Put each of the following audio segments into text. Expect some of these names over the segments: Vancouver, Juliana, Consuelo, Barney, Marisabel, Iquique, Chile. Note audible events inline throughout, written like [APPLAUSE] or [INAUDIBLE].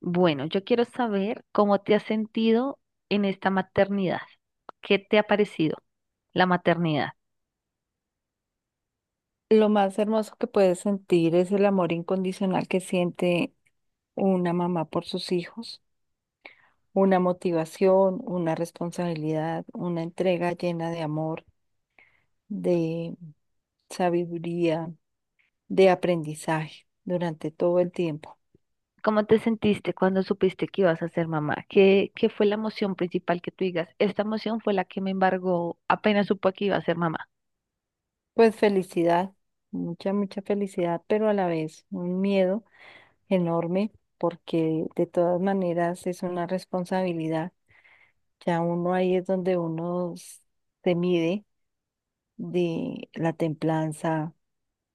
Bueno, yo quiero saber cómo te has sentido en esta maternidad. ¿Qué te ha parecido la maternidad? Lo más hermoso que puedes sentir es el amor incondicional que siente una mamá por sus hijos, una motivación, una responsabilidad, una entrega llena de amor, de sabiduría, de aprendizaje durante todo el tiempo. ¿Cómo te sentiste cuando supiste que ibas a ser mamá? ¿Qué fue la emoción principal que tú digas? Esta emoción fue la que me embargó apenas supo que iba a ser mamá. Pues felicidad, mucha, mucha felicidad, pero a la vez un miedo enorme porque de todas maneras es una responsabilidad. Ya uno ahí es donde se mide de la templanza,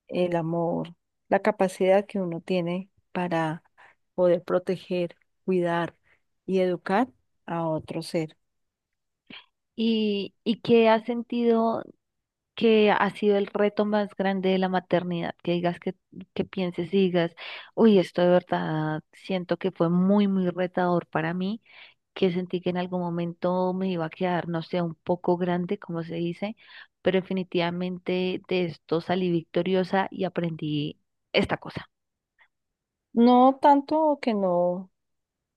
el amor, la capacidad que uno tiene para poder proteger, cuidar y educar a otro ser. ¿Y qué has sentido que ha sido el reto más grande de la maternidad? Que digas que pienses y digas, uy, esto de verdad siento que fue muy, muy retador para mí, que sentí que en algún momento me iba a quedar, no sé, un poco grande, como se dice, pero definitivamente de esto salí victoriosa y aprendí esta cosa. No tanto que no,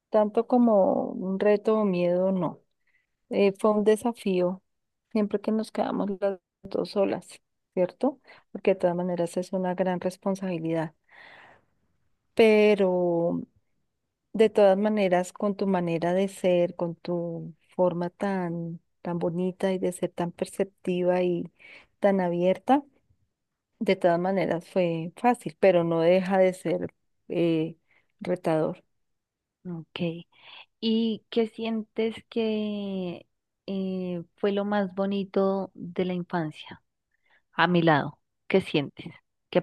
tanto como un reto o miedo, no. Fue un desafío siempre que nos quedamos las dos solas, ¿cierto? Porque de todas maneras es una gran responsabilidad. Pero de todas maneras, con tu manera de ser, con tu forma tan, tan bonita y de ser tan perceptiva y tan abierta, de todas maneras fue fácil, pero no deja de ser eh, retador. Ok. ¿Y qué sientes que fue lo más bonito de la infancia a mi lado? ¿Qué sientes? ¿Qué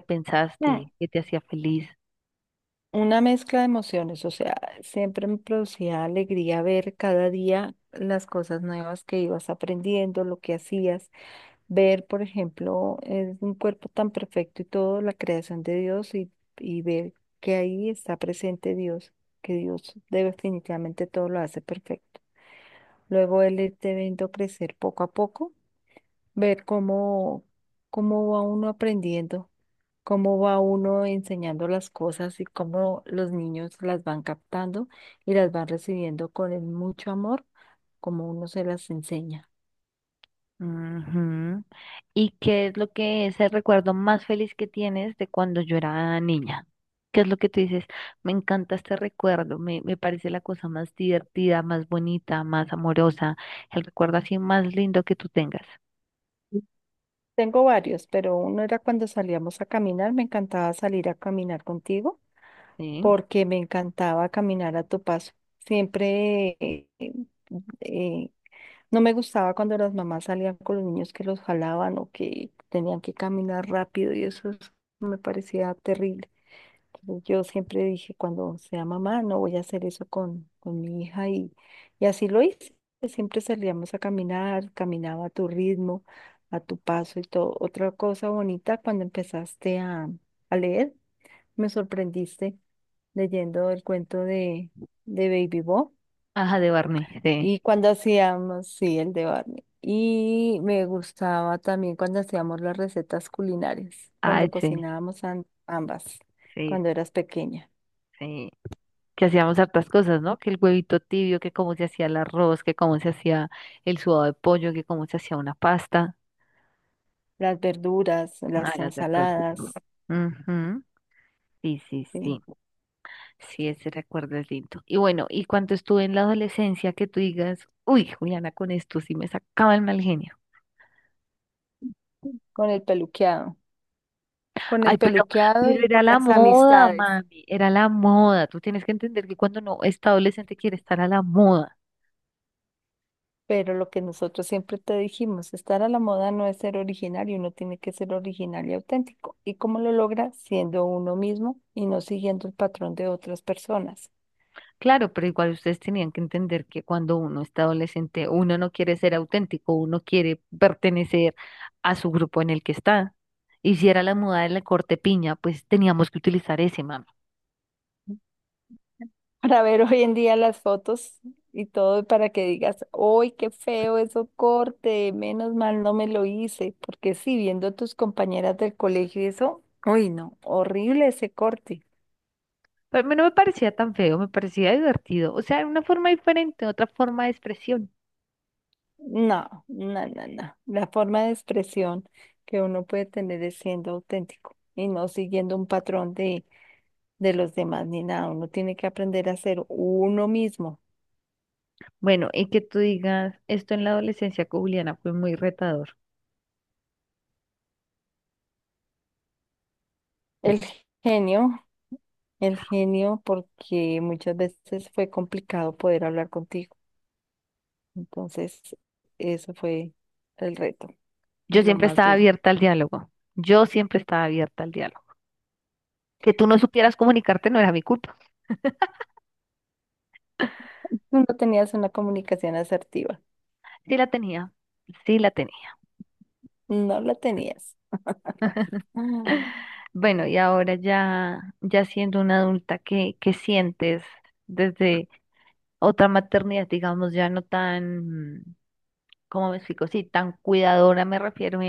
Mm, pensaste? ¿Qué te hacía feliz? Una mezcla de emociones, o sea, siempre me producía alegría ver cada día las cosas nuevas que ibas aprendiendo, lo que hacías. Ver, por ejemplo, es un cuerpo tan perfecto y todo, la creación de Dios, y ver que ahí está presente Dios, que Dios definitivamente todo lo hace perfecto. Luego él irte viendo crecer poco a poco, ver cómo, cómo va uno aprendiendo, cómo va uno enseñando las cosas y cómo los niños las van captando y las van recibiendo con el mucho amor, como uno se las enseña. Ujú. ¿Y qué es lo que es el recuerdo más feliz que tienes de cuando yo era niña? ¿Qué es lo que tú dices? Me encanta este recuerdo, me parece la cosa más divertida, más bonita, más amorosa, el recuerdo así más lindo que tú tengas. Tengo varios, pero uno era cuando salíamos a caminar, me encantaba salir a caminar contigo Sí. porque me encantaba caminar a tu paso. Siempre eh, no me gustaba cuando las mamás salían con los niños que los jalaban o que tenían que caminar rápido y me parecía terrible. Yo siempre dije, cuando sea mamá, no voy a hacer eso con mi hija, y así lo hice. Siempre salíamos a caminar, caminaba a tu ritmo, a tu paso y todo. Otra cosa bonita, cuando empezaste a leer, me sorprendiste leyendo el cuento de Baby Bo, Ajá, de Barney, sí. y cuando hacíamos, sí, el de Barney. Y me gustaba también cuando hacíamos las recetas culinarias, Ay, cuando sí, cocinábamos ambas, sí, cuando sí. eras pequeña. Sí. Que hacíamos hartas cosas, ¿no? Que el huevito tibio, que cómo se hacía el arroz, que cómo se hacía el sudado de pollo, que cómo se hacía una pasta. Las verduras, Ah, las las de todo. ensaladas, Ujú. Sí, sí, sí. sí, Sí, ese recuerdo es lindo. Y bueno, y cuando estuve en la adolescencia, que tú digas, uy, Juliana, con esto sí me sacaba el mal genio. con el peluqueado, con el Ay, peluqueado pero y era con la las moda, amistades. mami, era la moda. Tú tienes que entender que cuando uno está adolescente quiere estar a la moda. Pero lo que nosotros siempre te dijimos, estar a la moda no es ser originario, uno tiene que ser original y auténtico. ¿Y cómo lo logra? Siendo uno mismo y no siguiendo el patrón de otras personas. Claro, pero igual ustedes tenían que entender que cuando uno está adolescente, uno no quiere ser auténtico, uno quiere pertenecer a su grupo en el que está. Y si era la moda de la corte piña, pues teníamos que utilizar ese, mami. Para ver hoy en día las fotos y todo, para que digas, ¡ay, qué feo eso corte! Menos mal no me lo hice, porque sí, viendo a tus compañeras del colegio y eso, uy, no, horrible ese corte. Pero a mí no me parecía tan feo, me parecía divertido. O sea, era una forma diferente, otra forma de expresión. No, no, no, no. La forma de expresión que uno puede tener es siendo auténtico y no siguiendo un patrón de los demás ni nada. Uno tiene que aprender a ser uno mismo. Bueno, y que tú digas, esto en la adolescencia con Juliana fue muy retador. El genio, el genio, porque muchas veces fue complicado poder hablar contigo. Entonces, eso fue el reto y Yo lo siempre más estaba duro. abierta al diálogo. Yo siempre estaba abierta al diálogo. Que tú no supieras comunicarte no era mi culpa. Tú no tenías una comunicación asertiva, Sí la tenía, sí la tenía. no la tenías. Ah, [LAUGHS] Bueno, y ahora ya, ya siendo una adulta, ¿qué sientes desde otra maternidad, digamos, ya no tan, ¿cómo me explico? Sí, tan cuidadora, me refiero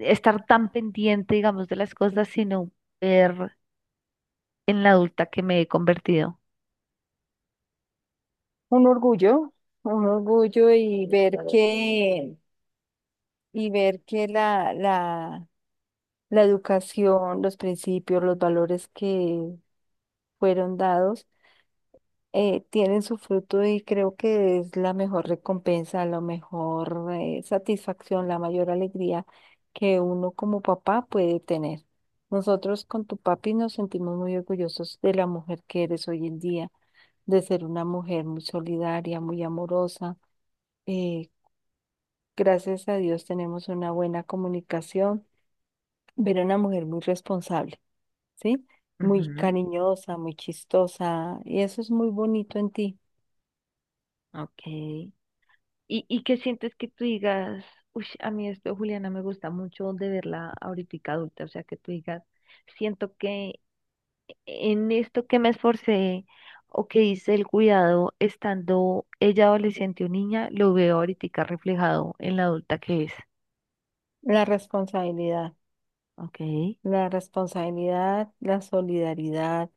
estar tan pendiente, digamos, de las cosas, sino ver en la adulta que me he convertido. un orgullo, un orgullo y ver que la educación, los principios, los valores que fueron dados tienen su fruto, y creo que es la mejor recompensa, la mejor satisfacción, la mayor alegría que uno como papá puede tener. Nosotros con tu papi nos sentimos muy orgullosos de la mujer que eres hoy en día, de ser una mujer muy solidaria, muy amorosa. Eh, Gracias a Dios tenemos una buena comunicación, pero una mujer muy responsable, ¿sí? Muy Ujú, cariñosa, muy chistosa, y eso es muy bonito en ti, ok. ¿Y qué sientes que tú digas, uy, a mí esto, Juliana, me gusta mucho de verla ahorita adulta? O sea, que tú digas, siento que en esto que me esforcé o que hice el cuidado estando ella adolescente o niña, lo veo ahorita reflejado en la adulta que es. la responsabilidad. Ok, La responsabilidad, la solidaridad,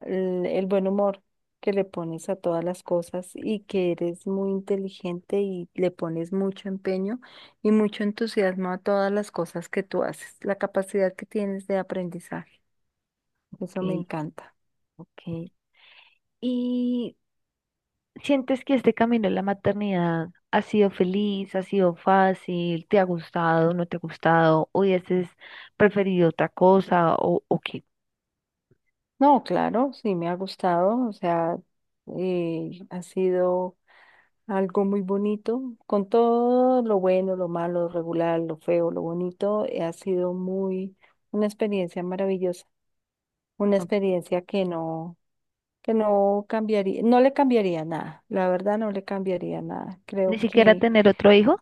el buen humor que le pones a todas las cosas, y que eres muy inteligente y le pones mucho empeño y mucho entusiasmo a todas las cosas que tú haces, la capacidad que tienes de aprendizaje. ok, Eso me encanta. ok. Y ¿sientes que este camino de la maternidad ha sido feliz, ha sido fácil, te ha gustado, no te ha gustado, o hubieses preferido otra cosa o qué? No, claro, sí me ha gustado, o sea, ha sido algo muy bonito, con todo lo bueno, lo malo, lo regular, lo feo, lo bonito, ha sido muy una experiencia maravillosa, una ¿O experiencia que no cambiaría, no le cambiaría nada, la verdad no le cambiaría nada. ¿ni Creo siquiera que tener otro hijo?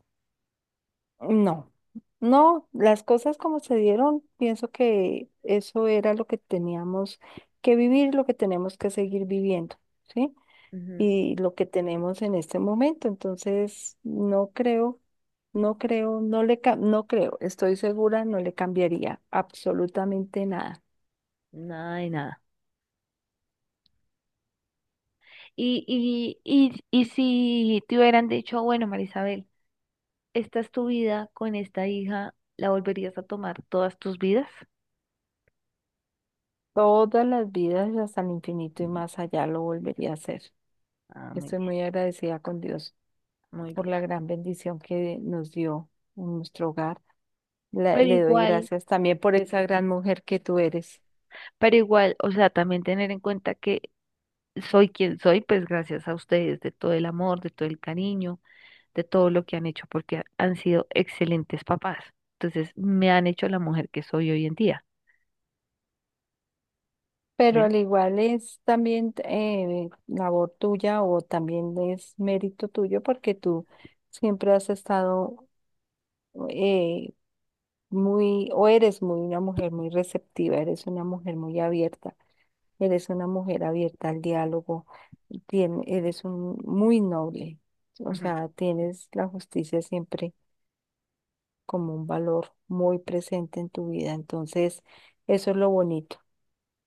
no, no, las cosas como se dieron, pienso que eso era lo que teníamos que vivir, lo que tenemos que seguir viviendo, ¿sí? Ujú. Y lo que tenemos en este momento. Entonces, no creo, no creo, no creo, estoy segura, no le cambiaría absolutamente nada. Nada de nada. Y si te hubieran dicho, bueno, Marisabel, esta es tu vida con esta hija, ¿la volverías a tomar todas tus vidas? Todas las vidas hasta el infinito y más allá lo volvería a hacer. Ah, muy. Estoy muy agradecida con Dios Muy por bien. la gran bendición que nos dio en nuestro hogar. Pero Le doy igual, gracias también por esa gran mujer que tú eres. pero igual, o sea, también tener en cuenta que soy quien soy, pues gracias a ustedes, de todo el amor, de todo el cariño, de todo lo que han hecho, porque han sido excelentes papás. Entonces, me han hecho la mujer que soy hoy en día. Pero ¿Ven? al igual es también labor tuya, o también es mérito tuyo porque tú siempre has estado eh, muy, o eres muy una mujer muy receptiva, eres una mujer muy abierta, eres una mujer abierta al diálogo, eres un muy noble, o Ujú. sea, tienes la justicia siempre como un valor muy presente en tu vida. Entonces, eso es lo bonito.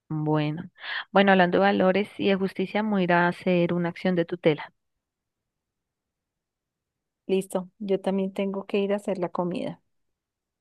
Bueno, bueno, hablando de valores y de justicia, me voy a ir a hacer una acción de tutela. Listo, yo también tengo que ir a hacer la comida.